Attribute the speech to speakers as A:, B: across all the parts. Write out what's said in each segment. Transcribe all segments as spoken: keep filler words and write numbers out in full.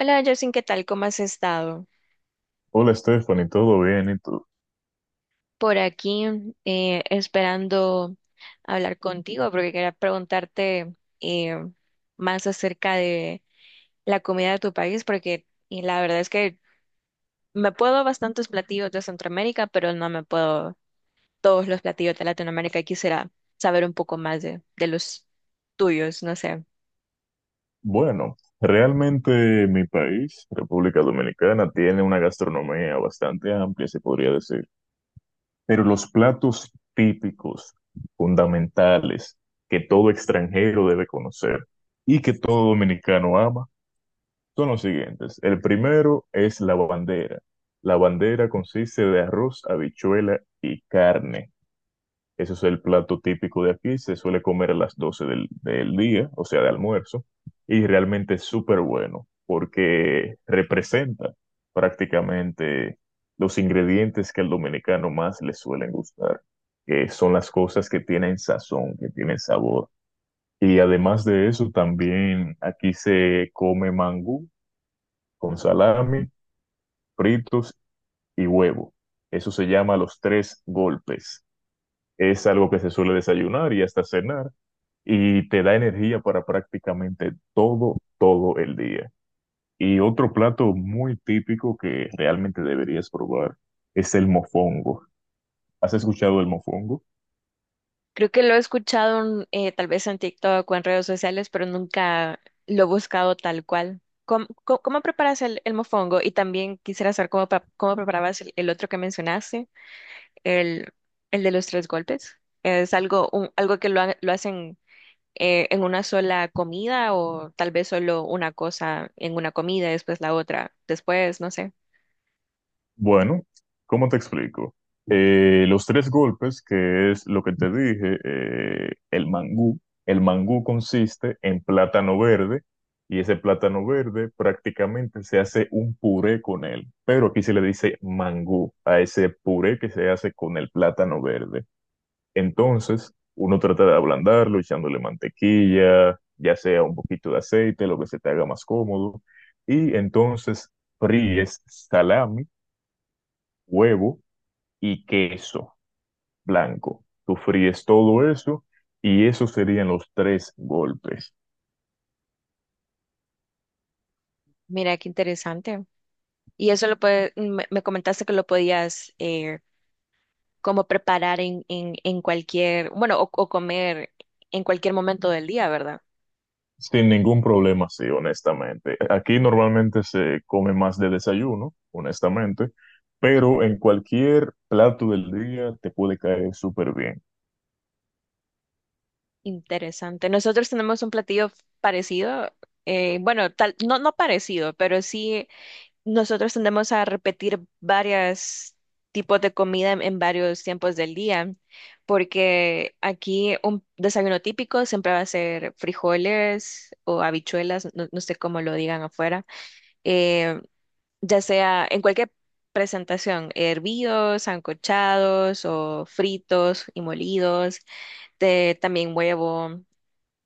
A: Hola, Justin, ¿qué tal? ¿Cómo has estado?
B: Hola Stephanie, ¿todo bien? ¿Y tú?
A: Por aquí eh, esperando hablar contigo porque quería preguntarte eh, más acerca de la comida de tu país porque y la verdad es que me puedo bastantes platillos de Centroamérica, pero no me puedo todos los platillos de Latinoamérica y quisiera saber un poco más de, de los tuyos, no sé.
B: Bueno, realmente mi país, República Dominicana, tiene una gastronomía bastante amplia, se podría decir, pero los platos típicos, fundamentales, que todo extranjero debe conocer y que todo dominicano ama, son los siguientes. El primero es la bandera. La bandera consiste de arroz, habichuela y carne. Eso es el plato típico de aquí, se suele comer a las doce del, del día, o sea, de almuerzo, y realmente es súper bueno porque representa prácticamente los ingredientes que al dominicano más le suelen gustar, que son las cosas que tienen sazón, que tienen sabor. Y además de eso, también aquí se come mangú con salami, fritos y huevo. Eso se llama los tres golpes. Es algo que se suele desayunar y hasta cenar y te da energía para prácticamente todo, todo el día. Y otro plato muy típico que realmente deberías probar es el mofongo. ¿Has escuchado el mofongo?
A: Creo que lo he escuchado eh, tal vez en TikTok o en redes sociales, pero nunca lo he buscado tal cual. ¿Cómo, cómo- ¿Cómo preparas el, el mofongo? Y también quisiera saber cómo, pa- cómo preparabas el, el otro que mencionaste, el, el de los tres golpes. ¿Es algo, un- algo que lo, ha- lo hacen eh, en una sola comida o tal vez solo una cosa en una comida, después la otra, después, no sé.
B: Bueno, ¿cómo te explico? Eh, los tres golpes, que es lo que te dije, eh, el mangú. El mangú consiste en plátano verde y ese plátano verde prácticamente se hace un puré con él, pero aquí se le dice mangú a ese puré que se hace con el plátano verde. Entonces, uno trata de ablandarlo echándole mantequilla, ya sea un poquito de aceite, lo que se te haga más cómodo, y entonces fríes salami, huevo y queso blanco. Tú fríes todo eso y esos serían los tres golpes.
A: Mira, qué interesante. Y eso lo puede, me, me comentaste que lo podías eh, como preparar en, en, en cualquier, bueno, o, o comer en cualquier momento del día, ¿verdad?
B: Sin ningún problema, sí, honestamente. Aquí normalmente se come más de desayuno, honestamente, pero en cualquier plato del día te puede caer súper bien.
A: Interesante. Nosotros tenemos un platillo parecido, eh, bueno, tal, no, no parecido, pero sí nosotros tendemos a repetir varios tipos de comida en, en varios tiempos del día, porque aquí un desayuno típico siempre va a ser frijoles o habichuelas, no, no sé cómo lo digan afuera. Eh, ya sea en cualquier presentación, hervidos, ancochados o fritos y molidos, de, también huevo,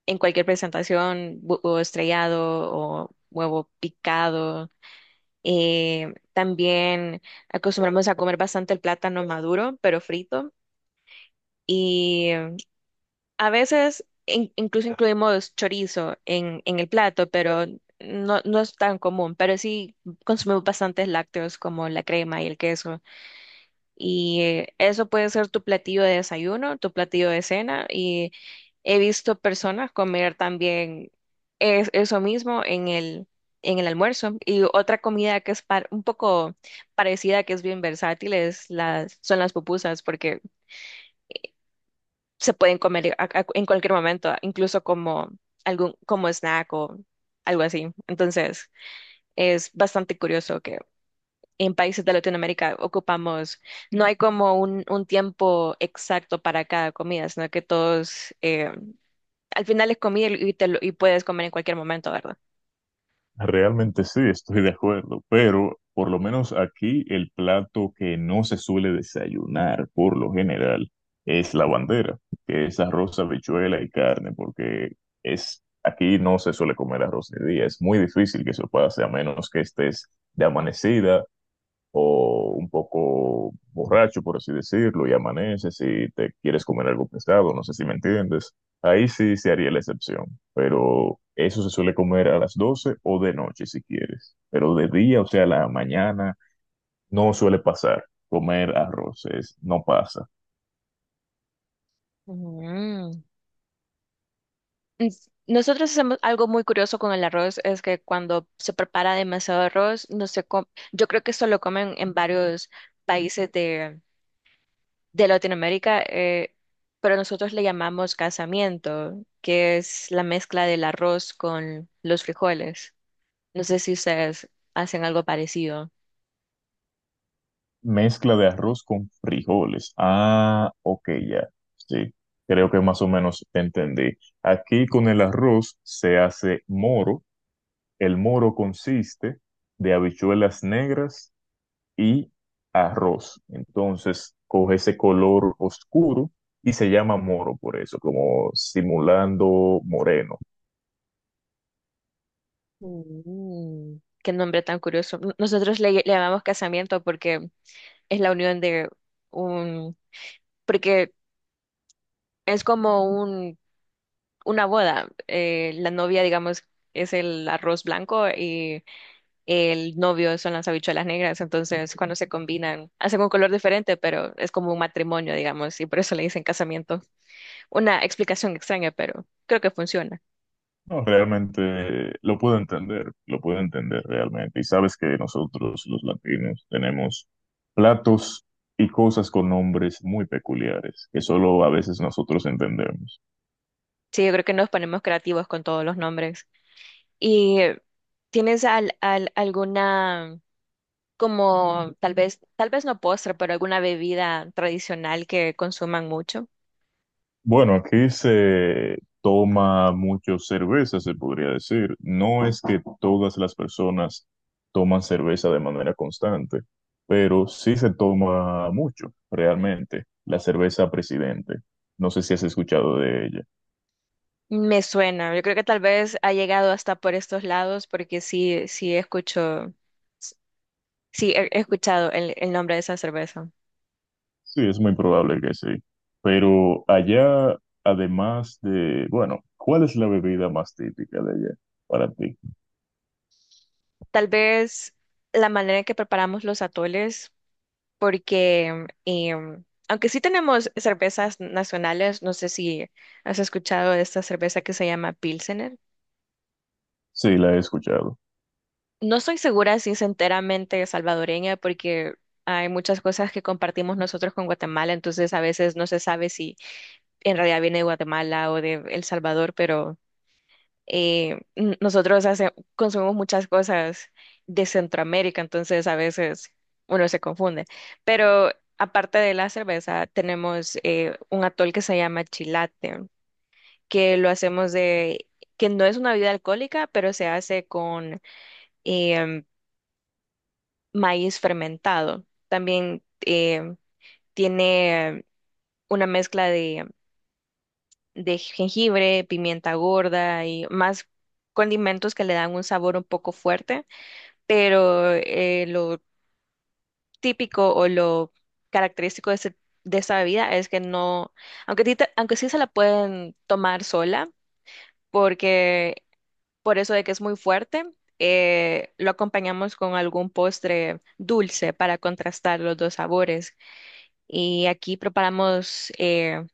A: en cualquier presentación, huevo estrellado o huevo picado. Eh, también acostumbramos a comer bastante el plátano maduro, pero frito. Y a veces in- incluso incluimos chorizo en, en el plato, pero no, no es tan común. Pero sí consumimos bastantes lácteos como la crema y el queso. Y eh, eso puede ser tu platillo de desayuno, tu platillo de cena. Y he visto personas comer también es- eso mismo en el, en el almuerzo. Y otra comida que es par- un poco parecida, que es bien versátil, es las, son las pupusas, porque se pueden comer a- a- en cualquier momento, incluso como, algún, como snack o algo así. Entonces, es bastante curioso en países de Latinoamérica ocupamos, no hay como un, un tiempo exacto para cada comida, sino que todos, eh, al final es comida y, te lo- y puedes comer en cualquier momento, ¿verdad?
B: Realmente sí, estoy de acuerdo, pero por lo menos aquí el plato que no se suele desayunar por lo general es la bandera, que es arroz, habichuela y carne, porque es aquí no se suele comer arroz de día, es muy difícil que se pueda hacer a menos que estés de amanecida o un poco borracho, por así decirlo, y amaneces y te quieres comer algo pesado, no sé si me entiendes, ahí sí se haría la excepción, pero eso se suele comer a las doce o de noche si quieres, pero de día, o sea, la mañana, no suele pasar, comer arroz es- no pasa.
A: Mm. Ens- Nosotros hacemos algo muy curioso con el arroz, es que cuando se prepara demasiado arroz, no se com- yo creo que esto lo comen en varios países de, de Latinoamérica, eh, pero nosotros le llamamos casamiento, que es la mezcla del arroz con los frijoles. No sé si ustedes hacen algo parecido.
B: Mezcla de arroz con frijoles. Ah, ok, ya, sí, creo que más o menos entendí. Aquí con el arroz se hace moro. El moro consiste de habichuelas negras y arroz. Entonces coge ese color oscuro y se llama moro por eso, como simulando moreno.
A: Mm. Qué nombre tan curioso. N- Nosotros le, le llamamos casamiento porque es la unión de un, porque es como un, una boda. Eh, la novia, digamos, es el arroz blanco y el novio son las habichuelas negras. Entonces, cuando se combinan, hacen un color diferente, pero es como un matrimonio, digamos, y por eso le dicen casamiento. Una explicación extraña, pero creo que funciona.
B: No, realmente lo puedo entender, lo puedo entender realmente. Y sabes que nosotros los latinos tenemos platos y cosas con nombres muy peculiares que solo a veces nosotros entendemos.
A: Sí, yo creo que nos ponemos creativos con todos los nombres. ¿Y tienes al, al- alguna, como tal vez, tal vez no postre, pero alguna bebida tradicional que consuman mucho?
B: Bueno, aquí se toma mucho cerveza, se podría decir. No es que todas las personas toman cerveza de manera constante, pero sí se toma mucho, realmente, la cerveza Presidente. No sé si has escuchado de ella.
A: Me suena, yo creo que tal vez ha llegado hasta por estos lados porque sí, sí escucho, sí he, he escuchado el, el nombre de esa cerveza.
B: Sí, es muy probable que sí. Pero allá, además de, bueno, ¿cuál es la bebida más típica de allá para ti?
A: Tal vez la manera en que preparamos los atoles, porque em, aunque sí tenemos cervezas nacionales, no sé si has escuchado de esta cerveza que se llama Pilsener.
B: Sí, la he escuchado.
A: No estoy segura si es enteramente salvadoreña porque hay muchas cosas que compartimos nosotros con Guatemala, entonces a veces no se sabe si en realidad viene de Guatemala o de El Salvador, pero eh, n- nosotros hace- consumimos muchas cosas de Centroamérica, entonces a veces uno se confunde. Pero aparte de la cerveza, tenemos eh, un atol que se llama chilate, que lo hacemos de, que no es una bebida alcohólica, pero se hace con… em, maíz fermentado. También eh, tiene una mezcla de, de jengibre, pimienta gorda y más condimentos que le dan un sabor un poco fuerte, pero eh, lo típico o lo característico de, este- de esta bebida es que no, aunque, sí te- aunque sí se la pueden tomar sola, porque por eso de que es muy fuerte. eh, lo acompañamos con algún postre dulce para contrastar los dos sabores. Y aquí preparamos eh,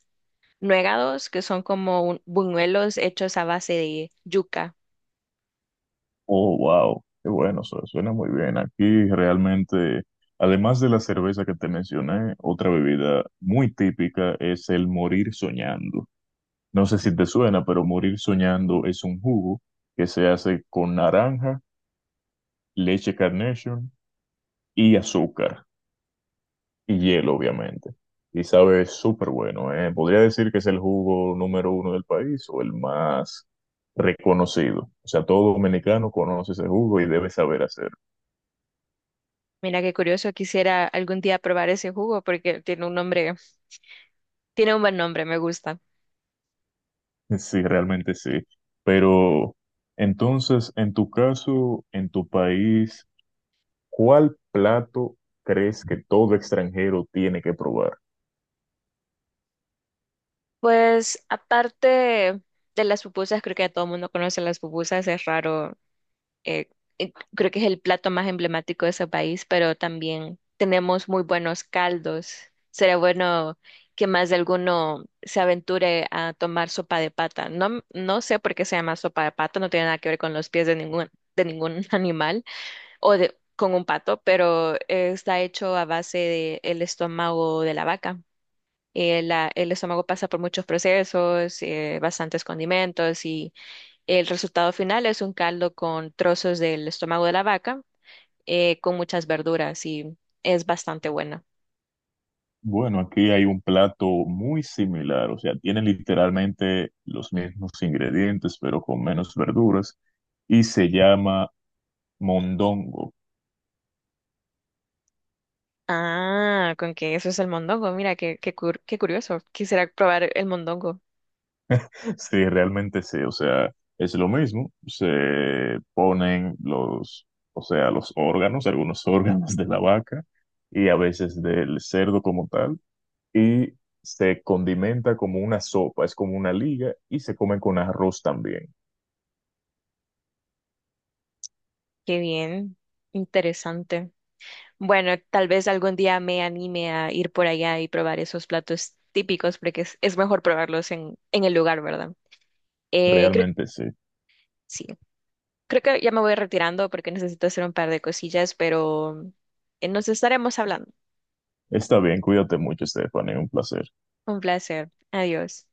A: nuegados, que son como un- buñuelos hechos a base de yuca.
B: Oh, wow, qué bueno, su- suena muy bien. Aquí realmente, además de la cerveza que te mencioné, otra bebida muy típica es el morir soñando. No sé si te suena, pero morir soñando es un jugo que se hace con naranja, leche Carnation y azúcar y hielo, obviamente. Y sabe súper bueno, ¿eh? Podría decir que es el jugo número uno del país o el más reconocido. O sea, todo dominicano conoce ese jugo y debe saber hacerlo.
A: Mira qué curioso, quisiera algún día probar ese jugo porque tiene un nombre, tiene un buen nombre, me gusta.
B: Sí, realmente sí. Pero entonces, en tu caso, en tu país, ¿cuál plato crees que todo extranjero tiene que probar?
A: Pues aparte de las pupusas, creo que ya todo el mundo conoce las pupusas, es raro eh, eh, creo que es el plato más emblemático de ese país, pero también tenemos muy buenos caldos. Sería bueno que más de alguno se aventure a tomar sopa de pata. No, no sé por qué se llama sopa de pata, no tiene nada que ver con los pies de ningún, de ningún animal o de, con un pato, pero eh, está hecho a base del estómago de la vaca. Eh, la- el estómago pasa por muchos procesos, eh, bastantes condimentos y el resultado final es un caldo con trozos del estómago de la vaca, eh, con muchas verduras y es bastante bueno.
B: Bueno, aquí hay un plato muy similar, o sea, tiene literalmente los mismos ingredientes, pero con menos verduras, y se llama mondongo.
A: Ah, con que eso es el mondongo. Mira, qué, qué, cur- qué curioso. Quisiera probar el mondongo.
B: Sí, realmente sí, o sea, es lo mismo, se ponen los, o sea, los órganos, algunos órganos de la vaca y a veces del cerdo como tal, y se condimenta como una sopa, es como una liga y se come con arroz también,
A: Qué bien, interesante. Bueno, tal vez algún día me anime a ir por allá y probar esos platos típicos, porque es, es mejor probarlos en, en el lugar, ¿verdad? Eh, creo,
B: realmente sí.
A: sí, creo que ya me voy retirando porque necesito hacer un par de cosillas, pero eh, nos estaremos hablando.
B: Está bien, cuídate mucho, Stephanie, un placer.
A: Un placer. Adiós.